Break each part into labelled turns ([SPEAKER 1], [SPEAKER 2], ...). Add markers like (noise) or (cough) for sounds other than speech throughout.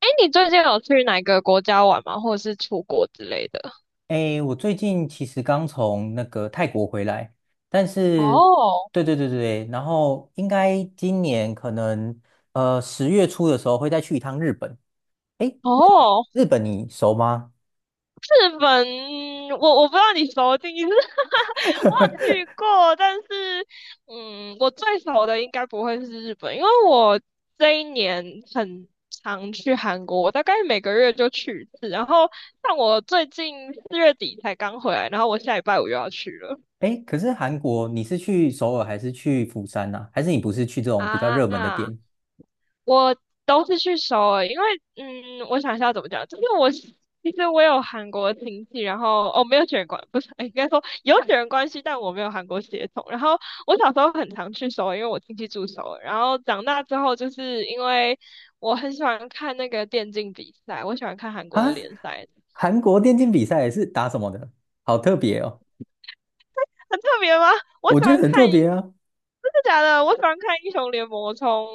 [SPEAKER 1] 哎你最近有去哪个国家玩吗？或者是出国之类的？
[SPEAKER 2] 诶，我最近其实刚从那个泰国回来，但是，
[SPEAKER 1] 哦
[SPEAKER 2] 对对对对，然后应该今年可能10月初的时候会再去一趟日本。诶，
[SPEAKER 1] 哦，
[SPEAKER 2] 日本你熟吗？
[SPEAKER 1] 日本，我不知道你熟的定义是，(laughs) 我有
[SPEAKER 2] (laughs)
[SPEAKER 1] 去过，但是我最熟的应该不会是日本，因为我这一年很常去韩国，我大概每个月就去一次，然后像我最近四月底才刚回来，然后我下礼拜五又要去了
[SPEAKER 2] 诶，可是韩国你是去首尔还是去釜山呐、还是你不是去这种比较热门的
[SPEAKER 1] 啊。
[SPEAKER 2] 店
[SPEAKER 1] 我都是去首尔，因为我想一下怎么讲，就是我是其实我有韩国亲戚，然后哦没有血缘关，不是，(laughs) 哎应该说有血缘关系，但我没有韩国血统。然后我小时候很常去首尔，因为我亲戚住首尔。然后长大之后，就是因为我很喜欢看那个电竞比赛，我喜欢看韩
[SPEAKER 2] 啊？
[SPEAKER 1] 国的联赛，
[SPEAKER 2] 韩国电竞比赛是打什么的？好特别哦，
[SPEAKER 1] 很特别吗？我
[SPEAKER 2] 我
[SPEAKER 1] 喜
[SPEAKER 2] 觉得
[SPEAKER 1] 欢
[SPEAKER 2] 很特
[SPEAKER 1] 看
[SPEAKER 2] 别
[SPEAKER 1] 英，
[SPEAKER 2] 啊。
[SPEAKER 1] 真的假的？我喜欢看英雄联盟，从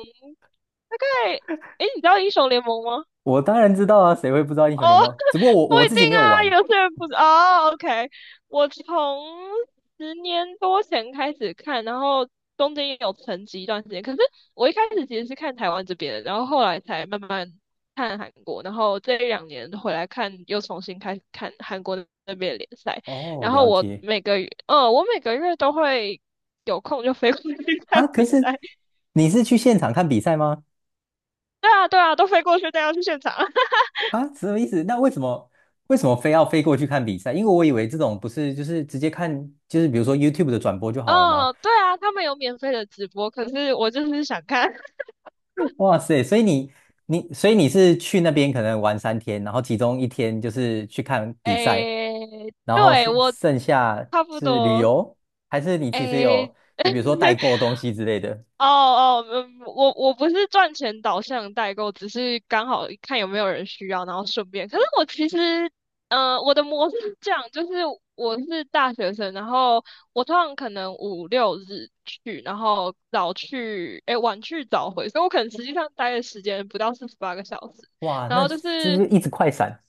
[SPEAKER 1] 大概，哎，你知道英雄联盟吗？
[SPEAKER 2] 我当然知道啊，谁会不知道英
[SPEAKER 1] 哦，
[SPEAKER 2] 雄联盟？
[SPEAKER 1] (laughs)
[SPEAKER 2] 只不过我
[SPEAKER 1] 不
[SPEAKER 2] 我
[SPEAKER 1] 一
[SPEAKER 2] 自
[SPEAKER 1] 定
[SPEAKER 2] 己没有
[SPEAKER 1] 啊，
[SPEAKER 2] 玩。
[SPEAKER 1] 有些人不是哦。OK，我从10年多前开始看，然后中间也有沉寂一段时间。可是我一开始其实是看台湾这边的，然后后来才慢慢看韩国，然后这一两年回来看，又重新开始看韩国那边的联赛。
[SPEAKER 2] 哦，
[SPEAKER 1] 然后
[SPEAKER 2] 了
[SPEAKER 1] 我
[SPEAKER 2] 解。
[SPEAKER 1] 每个月，嗯，我每个月都会有空就飞过去 (laughs) 看
[SPEAKER 2] 哈，可
[SPEAKER 1] 比
[SPEAKER 2] 是
[SPEAKER 1] 赛。
[SPEAKER 2] 你是去现场看比赛吗？
[SPEAKER 1] 对啊，对啊，都飞过去，带要去现场。(laughs)
[SPEAKER 2] 哈，什么意思？那为什么非要飞过去看比赛？因为我以为这种不是就是直接看，就是比如说 YouTube 的转播就好了吗？
[SPEAKER 1] 嗯，对啊，他们有免费的直播，可是我就是想看。
[SPEAKER 2] 哇塞，所以你你所以你是去那边可能玩3天，然后其中1天就是去看比赛，
[SPEAKER 1] 诶，
[SPEAKER 2] 然后
[SPEAKER 1] 对，
[SPEAKER 2] 剩
[SPEAKER 1] 我
[SPEAKER 2] 剩下
[SPEAKER 1] 差不
[SPEAKER 2] 是旅
[SPEAKER 1] 多，
[SPEAKER 2] 游，还是你其实有
[SPEAKER 1] 诶，(laughs)
[SPEAKER 2] 比如说代购东西之类的？
[SPEAKER 1] 哦哦，我不是赚钱导向的代购，只是刚好看有没有人需要，然后顺便。可是我其实，我的模式是这样，就是我是大学生，然后我通常可能五六日去，然后早去，诶，晚去早回，所以我可能实际上待的时间不到48个小时。
[SPEAKER 2] 哇，
[SPEAKER 1] 然
[SPEAKER 2] 那
[SPEAKER 1] 后就
[SPEAKER 2] 这就
[SPEAKER 1] 是
[SPEAKER 2] 一直快闪。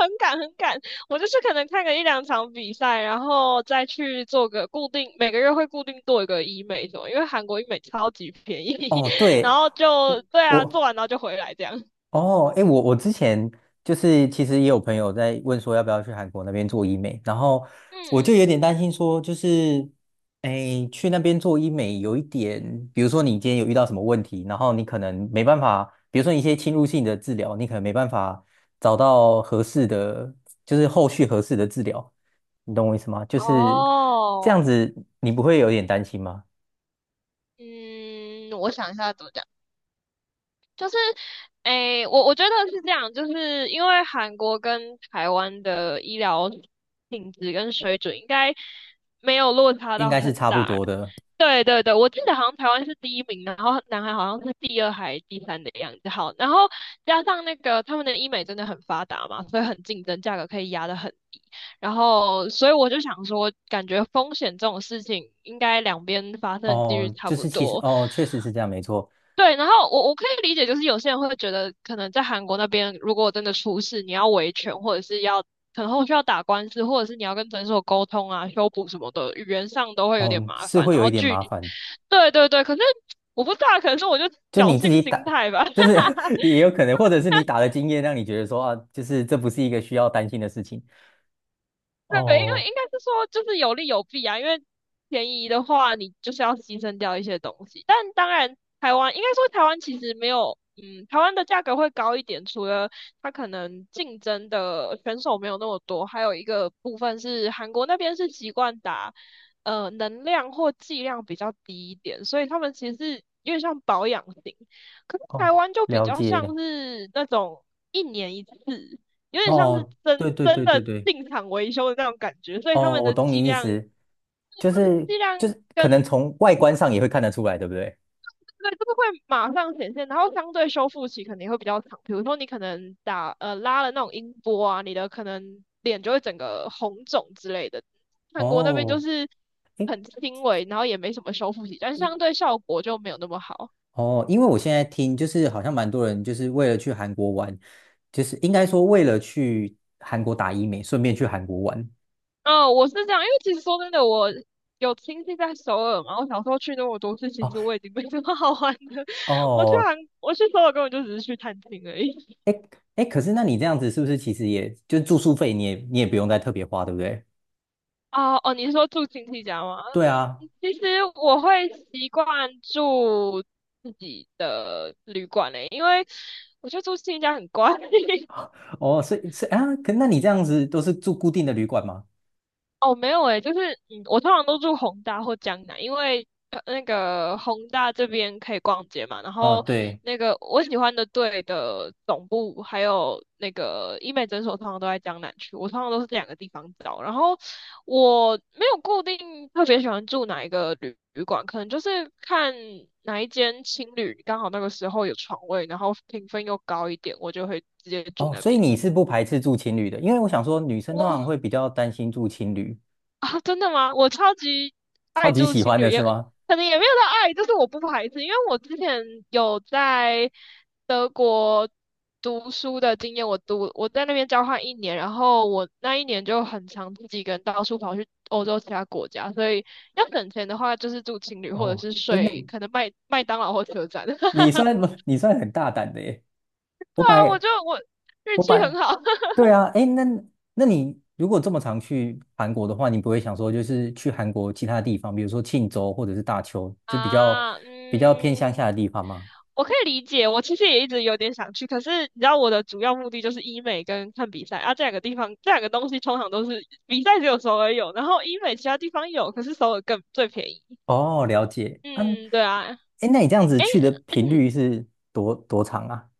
[SPEAKER 1] 很赶很赶，我就是可能看个一两场比赛，然后再去做个固定，每个月会固定做一个医美什么，因为韩国医美超级便宜，
[SPEAKER 2] 哦，
[SPEAKER 1] (laughs) 然
[SPEAKER 2] 对。
[SPEAKER 1] 后就对啊，
[SPEAKER 2] 我。
[SPEAKER 1] 做完然后就回来这样。(laughs)
[SPEAKER 2] 哦，哎，我之前就是其实也有朋友在问说要不要去韩国那边做医美，然后
[SPEAKER 1] 嗯
[SPEAKER 2] 我就
[SPEAKER 1] 嗯，
[SPEAKER 2] 有点担心说，就是哎去那边做医美有一点，比如说你今天有遇到什么问题，然后你可能没办法，比如说一些侵入性的治疗，你可能没办法找到合适的，就是后续合适的治疗，你懂我意思吗？就是这
[SPEAKER 1] 哦，
[SPEAKER 2] 样子，你不会有点担心吗？
[SPEAKER 1] 嗯，我想一下怎么讲。就是，诶，我觉得是这样，就是因为韩国跟台湾的医疗品质跟水准应该没有落差
[SPEAKER 2] 应
[SPEAKER 1] 到
[SPEAKER 2] 该是
[SPEAKER 1] 很
[SPEAKER 2] 差不
[SPEAKER 1] 大。
[SPEAKER 2] 多的。
[SPEAKER 1] 对对对，我记得好像台湾是第一名，然后南韩好像是第二还第三的样子。好，然后加上那个他们的医美真的很发达嘛，所以很竞争，价格可以压得很低。然后，所以我就想说，感觉风险这种事情应该两边发生的几率
[SPEAKER 2] 哦，
[SPEAKER 1] 差
[SPEAKER 2] 就
[SPEAKER 1] 不
[SPEAKER 2] 是其实
[SPEAKER 1] 多。
[SPEAKER 2] 哦，确实是这样，没错。
[SPEAKER 1] 对，然后我可以理解，就是有些人会觉得，可能在韩国那边，如果真的出事，你要维权，或者是要可能后续要打官司，或者是你要跟诊所沟通啊、修补什么的，语言上都会有点
[SPEAKER 2] 哦，
[SPEAKER 1] 麻
[SPEAKER 2] 是
[SPEAKER 1] 烦。
[SPEAKER 2] 会
[SPEAKER 1] 然
[SPEAKER 2] 有一
[SPEAKER 1] 后
[SPEAKER 2] 点
[SPEAKER 1] 距
[SPEAKER 2] 麻
[SPEAKER 1] 离，
[SPEAKER 2] 烦，
[SPEAKER 1] 对对对，可是我不知道，可能是我就
[SPEAKER 2] 就你
[SPEAKER 1] 侥
[SPEAKER 2] 自己
[SPEAKER 1] 幸
[SPEAKER 2] 打，
[SPEAKER 1] 心态吧。(laughs)
[SPEAKER 2] 就是 (laughs) 也有可能，或者是你打的经验让你觉得说啊，就是这不是一个需要担心的事情。
[SPEAKER 1] 对，因为
[SPEAKER 2] 哦
[SPEAKER 1] 应该是说就是有利有弊啊，因为便宜的话，你就是要牺牲掉一些东西。但当然，台湾应该说台湾其实没有，台湾的价格会高一点，除了它可能竞争的选手没有那么多，还有一个部分是韩国那边是习惯打，能量或剂量比较低一点，所以他们其实是有点像保养型。可是台
[SPEAKER 2] 哦，
[SPEAKER 1] 湾就比
[SPEAKER 2] 了
[SPEAKER 1] 较
[SPEAKER 2] 解。
[SPEAKER 1] 像是那种一年一次。有点像是
[SPEAKER 2] 哦，
[SPEAKER 1] 真
[SPEAKER 2] 对对
[SPEAKER 1] 真
[SPEAKER 2] 对对
[SPEAKER 1] 的
[SPEAKER 2] 对，
[SPEAKER 1] 进厂维修的那种感觉，所以他
[SPEAKER 2] 哦，
[SPEAKER 1] 们
[SPEAKER 2] 我
[SPEAKER 1] 的
[SPEAKER 2] 懂
[SPEAKER 1] 剂
[SPEAKER 2] 你意
[SPEAKER 1] 量，他
[SPEAKER 2] 思，就
[SPEAKER 1] 们
[SPEAKER 2] 是
[SPEAKER 1] 剂
[SPEAKER 2] 就
[SPEAKER 1] 量
[SPEAKER 2] 是可能
[SPEAKER 1] 跟
[SPEAKER 2] 从外观上也会看得出来，对不对？
[SPEAKER 1] 对这个会马上显现，然后相对修复期肯定会比较长。比如说你可能打拉了那种音波啊，你的可能脸就会整个红肿之类的。韩国那边就
[SPEAKER 2] 哦，
[SPEAKER 1] 是
[SPEAKER 2] 诶
[SPEAKER 1] 很轻微，然后也没什么修复期，但是相对效果就没有那么好。
[SPEAKER 2] 哦，因为我现在听就是好像蛮多人就是为了去韩国玩，就是应该说为了去韩国打医美，顺便去韩国玩。
[SPEAKER 1] 哦，我是这样，因为其实说真的，我有亲戚在首尔嘛，我小时候去那么多次，其实
[SPEAKER 2] 哦。
[SPEAKER 1] 我已经没什么好玩的。(laughs)
[SPEAKER 2] 哦，
[SPEAKER 1] 我去首尔根本就只是去探亲而已。
[SPEAKER 2] 哎哎，可是那你这样子是不是其实也就住宿费你也不用再特别花，对不对？
[SPEAKER 1] 哦哦，你是说住亲戚家吗？
[SPEAKER 2] 对啊，
[SPEAKER 1] 其实我会习惯住自己的旅馆诶、因为我觉得住亲戚家很怪。(laughs)
[SPEAKER 2] 哦，所以是啊，可那你这样子都是住固定的旅馆吗？
[SPEAKER 1] 哦，没有诶，就是我通常都住宏大或江南，因为那个宏大这边可以逛街嘛，然
[SPEAKER 2] 哦，
[SPEAKER 1] 后
[SPEAKER 2] 对，
[SPEAKER 1] 那个我喜欢的队的总部还有那个医美诊所，通常都在江南区，我通常都是这两个地方找。然后我没有固定特别喜欢住哪一个旅馆，可能就是看哪一间青旅刚好那个时候有床位，然后评分又高一点，我就会直接住
[SPEAKER 2] 哦，
[SPEAKER 1] 那
[SPEAKER 2] 所以
[SPEAKER 1] 边。
[SPEAKER 2] 你是不排斥住情旅的，因为我想说女生通常
[SPEAKER 1] 哇。
[SPEAKER 2] 会比较担心住情旅，
[SPEAKER 1] 啊，真的吗？我超级
[SPEAKER 2] 超
[SPEAKER 1] 爱
[SPEAKER 2] 级
[SPEAKER 1] 住
[SPEAKER 2] 喜
[SPEAKER 1] 情
[SPEAKER 2] 欢的
[SPEAKER 1] 旅，
[SPEAKER 2] 是
[SPEAKER 1] 也
[SPEAKER 2] 吗？
[SPEAKER 1] 可能也没有到爱，就是我不排斥，因为我之前有在德国读书的经验，我在那边交换一年，然后我那一年就很常自己一个人到处跑去欧洲其他国家，所以要省钱的话，就是住情旅或者
[SPEAKER 2] 哦，
[SPEAKER 1] 是
[SPEAKER 2] 哎，那
[SPEAKER 1] 睡可能麦当劳或车站。(laughs) 对
[SPEAKER 2] 你算很大胆的耶，我本
[SPEAKER 1] 啊，我
[SPEAKER 2] 来
[SPEAKER 1] 就我运
[SPEAKER 2] 我本
[SPEAKER 1] 气很
[SPEAKER 2] 来
[SPEAKER 1] 好
[SPEAKER 2] 对啊，哎，那你如果这么常去韩国的话，你不会想说就是去韩国其他地方，比如说庆州或者是大邱，
[SPEAKER 1] (laughs)
[SPEAKER 2] 就
[SPEAKER 1] 啊，
[SPEAKER 2] 比较偏乡
[SPEAKER 1] 嗯。
[SPEAKER 2] 下的地方吗？
[SPEAKER 1] 我可以理解，我其实也一直有点想去，可是你知道我的主要目的就是医美跟看比赛啊，这两个地方，这两个东西通常都是比赛只有首尔有，然后医美其他地方有，可是首尔更最便宜。
[SPEAKER 2] 哦，了解。嗯，
[SPEAKER 1] 嗯，对啊，
[SPEAKER 2] 哎，那你这样子
[SPEAKER 1] 诶，
[SPEAKER 2] 去的频
[SPEAKER 1] (clears throat)
[SPEAKER 2] 率是多长啊？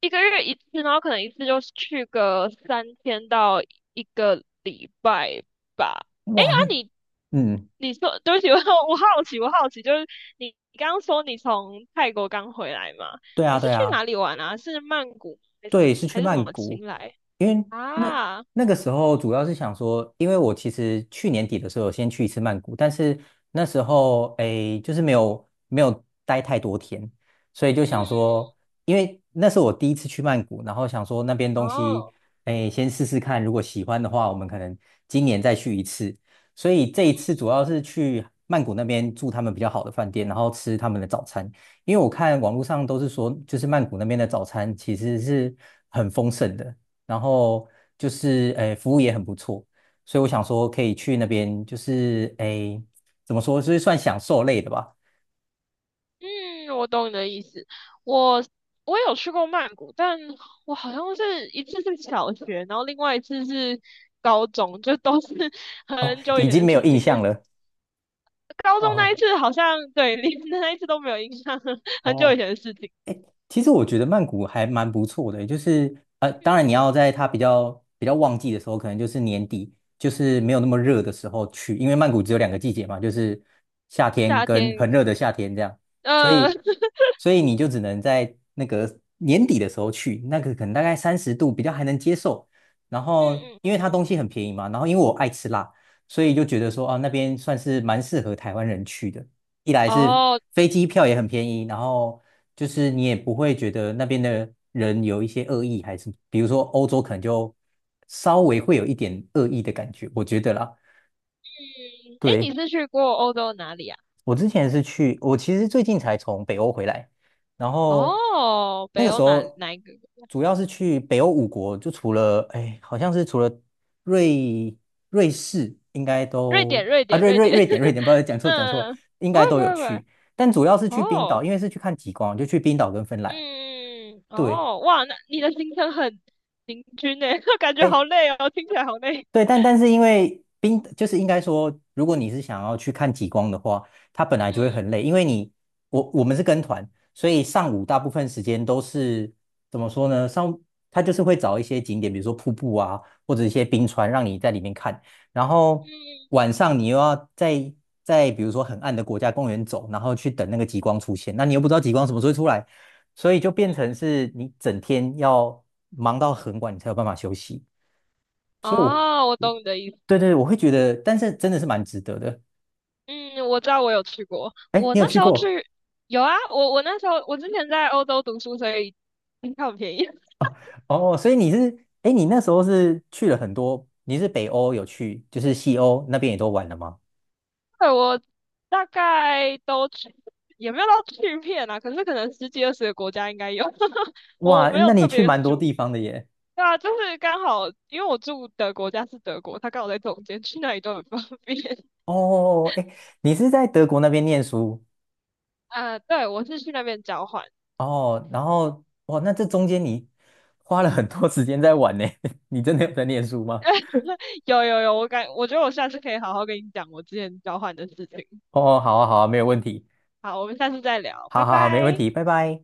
[SPEAKER 1] 一个月一次，然后可能一次就是去个3天到一个礼拜吧。那、
[SPEAKER 2] 哇，那
[SPEAKER 1] 你
[SPEAKER 2] 嗯，
[SPEAKER 1] 你说，对不起，(laughs) 我好奇，就是你你刚刚说你从泰国刚回来嘛？
[SPEAKER 2] 对啊，
[SPEAKER 1] 你是
[SPEAKER 2] 对
[SPEAKER 1] 去哪
[SPEAKER 2] 啊。
[SPEAKER 1] 里玩啊？是曼谷还是什么
[SPEAKER 2] 对，是
[SPEAKER 1] 还
[SPEAKER 2] 去
[SPEAKER 1] 是什
[SPEAKER 2] 曼
[SPEAKER 1] 么
[SPEAKER 2] 谷，
[SPEAKER 1] 清莱？
[SPEAKER 2] 因为那
[SPEAKER 1] 啊，嗯
[SPEAKER 2] 时候主要是想说，因为我其实去年底的时候有先去一次曼谷，但是那时候诶，就是没有待太多天，所以就
[SPEAKER 1] 嗯，
[SPEAKER 2] 想说，因为那是我第一次去曼谷，然后想说那边东
[SPEAKER 1] 哦，
[SPEAKER 2] 西诶，先试试看，如果喜欢的话，我们可能今年再去一次。所以这
[SPEAKER 1] 嗯，
[SPEAKER 2] 一次主要是去曼谷那边住他们比较好的饭店，然后吃他们的早餐。因为我看网络上都是说，就是曼谷那边的早餐其实是很丰盛的，然后就是诶服务也很不错，所以我想说可以去那边，就是诶怎么说，就是算享受类的吧。
[SPEAKER 1] 嗯我懂你的意思。我我有去过曼谷，但我好像是一次是小学，然后另外一次是高中，就都是 (laughs)
[SPEAKER 2] 哦，
[SPEAKER 1] 很久以
[SPEAKER 2] 已
[SPEAKER 1] 前
[SPEAKER 2] 经
[SPEAKER 1] 的
[SPEAKER 2] 没有
[SPEAKER 1] 事
[SPEAKER 2] 印
[SPEAKER 1] 情。
[SPEAKER 2] 象了。
[SPEAKER 1] 高中那一
[SPEAKER 2] 哦
[SPEAKER 1] 次好像对，连那一次都没有印象，(laughs) 很久以
[SPEAKER 2] 哦，
[SPEAKER 1] 前的事情。
[SPEAKER 2] 其实我觉得曼谷还蛮不错的，就是，当然
[SPEAKER 1] 嗯，
[SPEAKER 2] 你要在它比较旺季的时候，可能就是年底，就是没有那么热的时候去，因为曼谷只有2个季节嘛，就是夏天
[SPEAKER 1] 夏天，
[SPEAKER 2] 跟很热的夏天这样，所
[SPEAKER 1] (laughs)
[SPEAKER 2] 以
[SPEAKER 1] 嗯
[SPEAKER 2] 你就只能在那个年底的时候去，那个可能大概30度比较还能接受，然后
[SPEAKER 1] 嗯
[SPEAKER 2] 因为它
[SPEAKER 1] 嗯，
[SPEAKER 2] 东西很便宜嘛，然后因为我爱吃辣，所以就觉得说啊那边算是蛮适合台湾人去的。一
[SPEAKER 1] (laughs)
[SPEAKER 2] 来是
[SPEAKER 1] 哦，
[SPEAKER 2] 飞机票也很便宜，然后就是你也不会觉得那边的人有一些恶意，还是比如说欧洲可能就稍微会有一点恶意的感觉，我觉得啦。
[SPEAKER 1] 嗯，诶，
[SPEAKER 2] 对，
[SPEAKER 1] 你是去过欧洲哪里啊？
[SPEAKER 2] 我之前是去，我其实最近才从北欧回来，然后
[SPEAKER 1] 哦，
[SPEAKER 2] 那
[SPEAKER 1] 北
[SPEAKER 2] 个时
[SPEAKER 1] 欧哪
[SPEAKER 2] 候
[SPEAKER 1] 哪一个？
[SPEAKER 2] 主要是去北欧5国，就除了哎，好像是除了瑞瑞士，应该
[SPEAKER 1] 瑞典，
[SPEAKER 2] 都
[SPEAKER 1] 瑞
[SPEAKER 2] 啊
[SPEAKER 1] 典，瑞典。
[SPEAKER 2] 瑞典，
[SPEAKER 1] (laughs)
[SPEAKER 2] 不好意思讲错，
[SPEAKER 1] 嗯，
[SPEAKER 2] 应
[SPEAKER 1] 不
[SPEAKER 2] 该
[SPEAKER 1] 会
[SPEAKER 2] 都
[SPEAKER 1] 不
[SPEAKER 2] 有
[SPEAKER 1] 会不会，
[SPEAKER 2] 去，但主要是去冰岛，
[SPEAKER 1] 哦，
[SPEAKER 2] 因为是去看极光，就去冰岛跟芬兰。
[SPEAKER 1] 嗯，
[SPEAKER 2] 对，
[SPEAKER 1] 哦，哇，那你的行程很平均呢，(laughs) 感觉
[SPEAKER 2] 哎
[SPEAKER 1] 好累哦，听起来好累。
[SPEAKER 2] 对，但是因为就是应该说，如果你是想要去看极光的话，它本来就会
[SPEAKER 1] 嗯
[SPEAKER 2] 很累，因为你我们是跟团，所以上午大部分时间都是怎么说呢？上它就是会找一些景点，比如说瀑布啊，或者一些冰川，让你在里面看。然后
[SPEAKER 1] 嗯，
[SPEAKER 2] 晚上你又要在比如说很暗的国家公园走，然后去等那个极光出现，那你又不知道极光什么时候会出来，所以就变成是你整天要忙到很晚，你才有办法休息。所以我，
[SPEAKER 1] 哦，我懂你的意思。
[SPEAKER 2] 对对，我会觉得，但是真的是蛮值得的。
[SPEAKER 1] 嗯，我知道我有去过，
[SPEAKER 2] 哎，
[SPEAKER 1] 我
[SPEAKER 2] 你有
[SPEAKER 1] 那
[SPEAKER 2] 去
[SPEAKER 1] 时候
[SPEAKER 2] 过
[SPEAKER 1] 去有啊，我那时候我之前在欧洲读书，所以机票很便宜。(laughs)
[SPEAKER 2] 啊？哦，所以你是，哎，你那时候是去了很多，你是北欧有去，就是西欧那边也都玩了吗？
[SPEAKER 1] 对，我大概都去，也没有到去遍啊，可是可能十几二十个国家应该有，(laughs)
[SPEAKER 2] 哇，
[SPEAKER 1] 我没有
[SPEAKER 2] 那你
[SPEAKER 1] 特
[SPEAKER 2] 去
[SPEAKER 1] 别
[SPEAKER 2] 蛮多
[SPEAKER 1] 数，
[SPEAKER 2] 地方的耶。
[SPEAKER 1] 对啊，就是刚好，因为我住的国家是德国，他刚好在中间，去哪里都很方便。(laughs)
[SPEAKER 2] 哦，哎，你是在德国那边念书
[SPEAKER 1] 啊，对，我是去那边交换。
[SPEAKER 2] 哦，然后哇，那这中间你花了很多时间在玩呢，(laughs) 你真的有在念书吗？
[SPEAKER 1] 有有有，我觉得我下次可以好好跟你讲我之前交换的事情。
[SPEAKER 2] 哦，好啊，好啊，没有问题，
[SPEAKER 1] 好，我们下次再聊，
[SPEAKER 2] 好
[SPEAKER 1] 拜
[SPEAKER 2] 好好，没问
[SPEAKER 1] 拜。
[SPEAKER 2] 题，拜拜。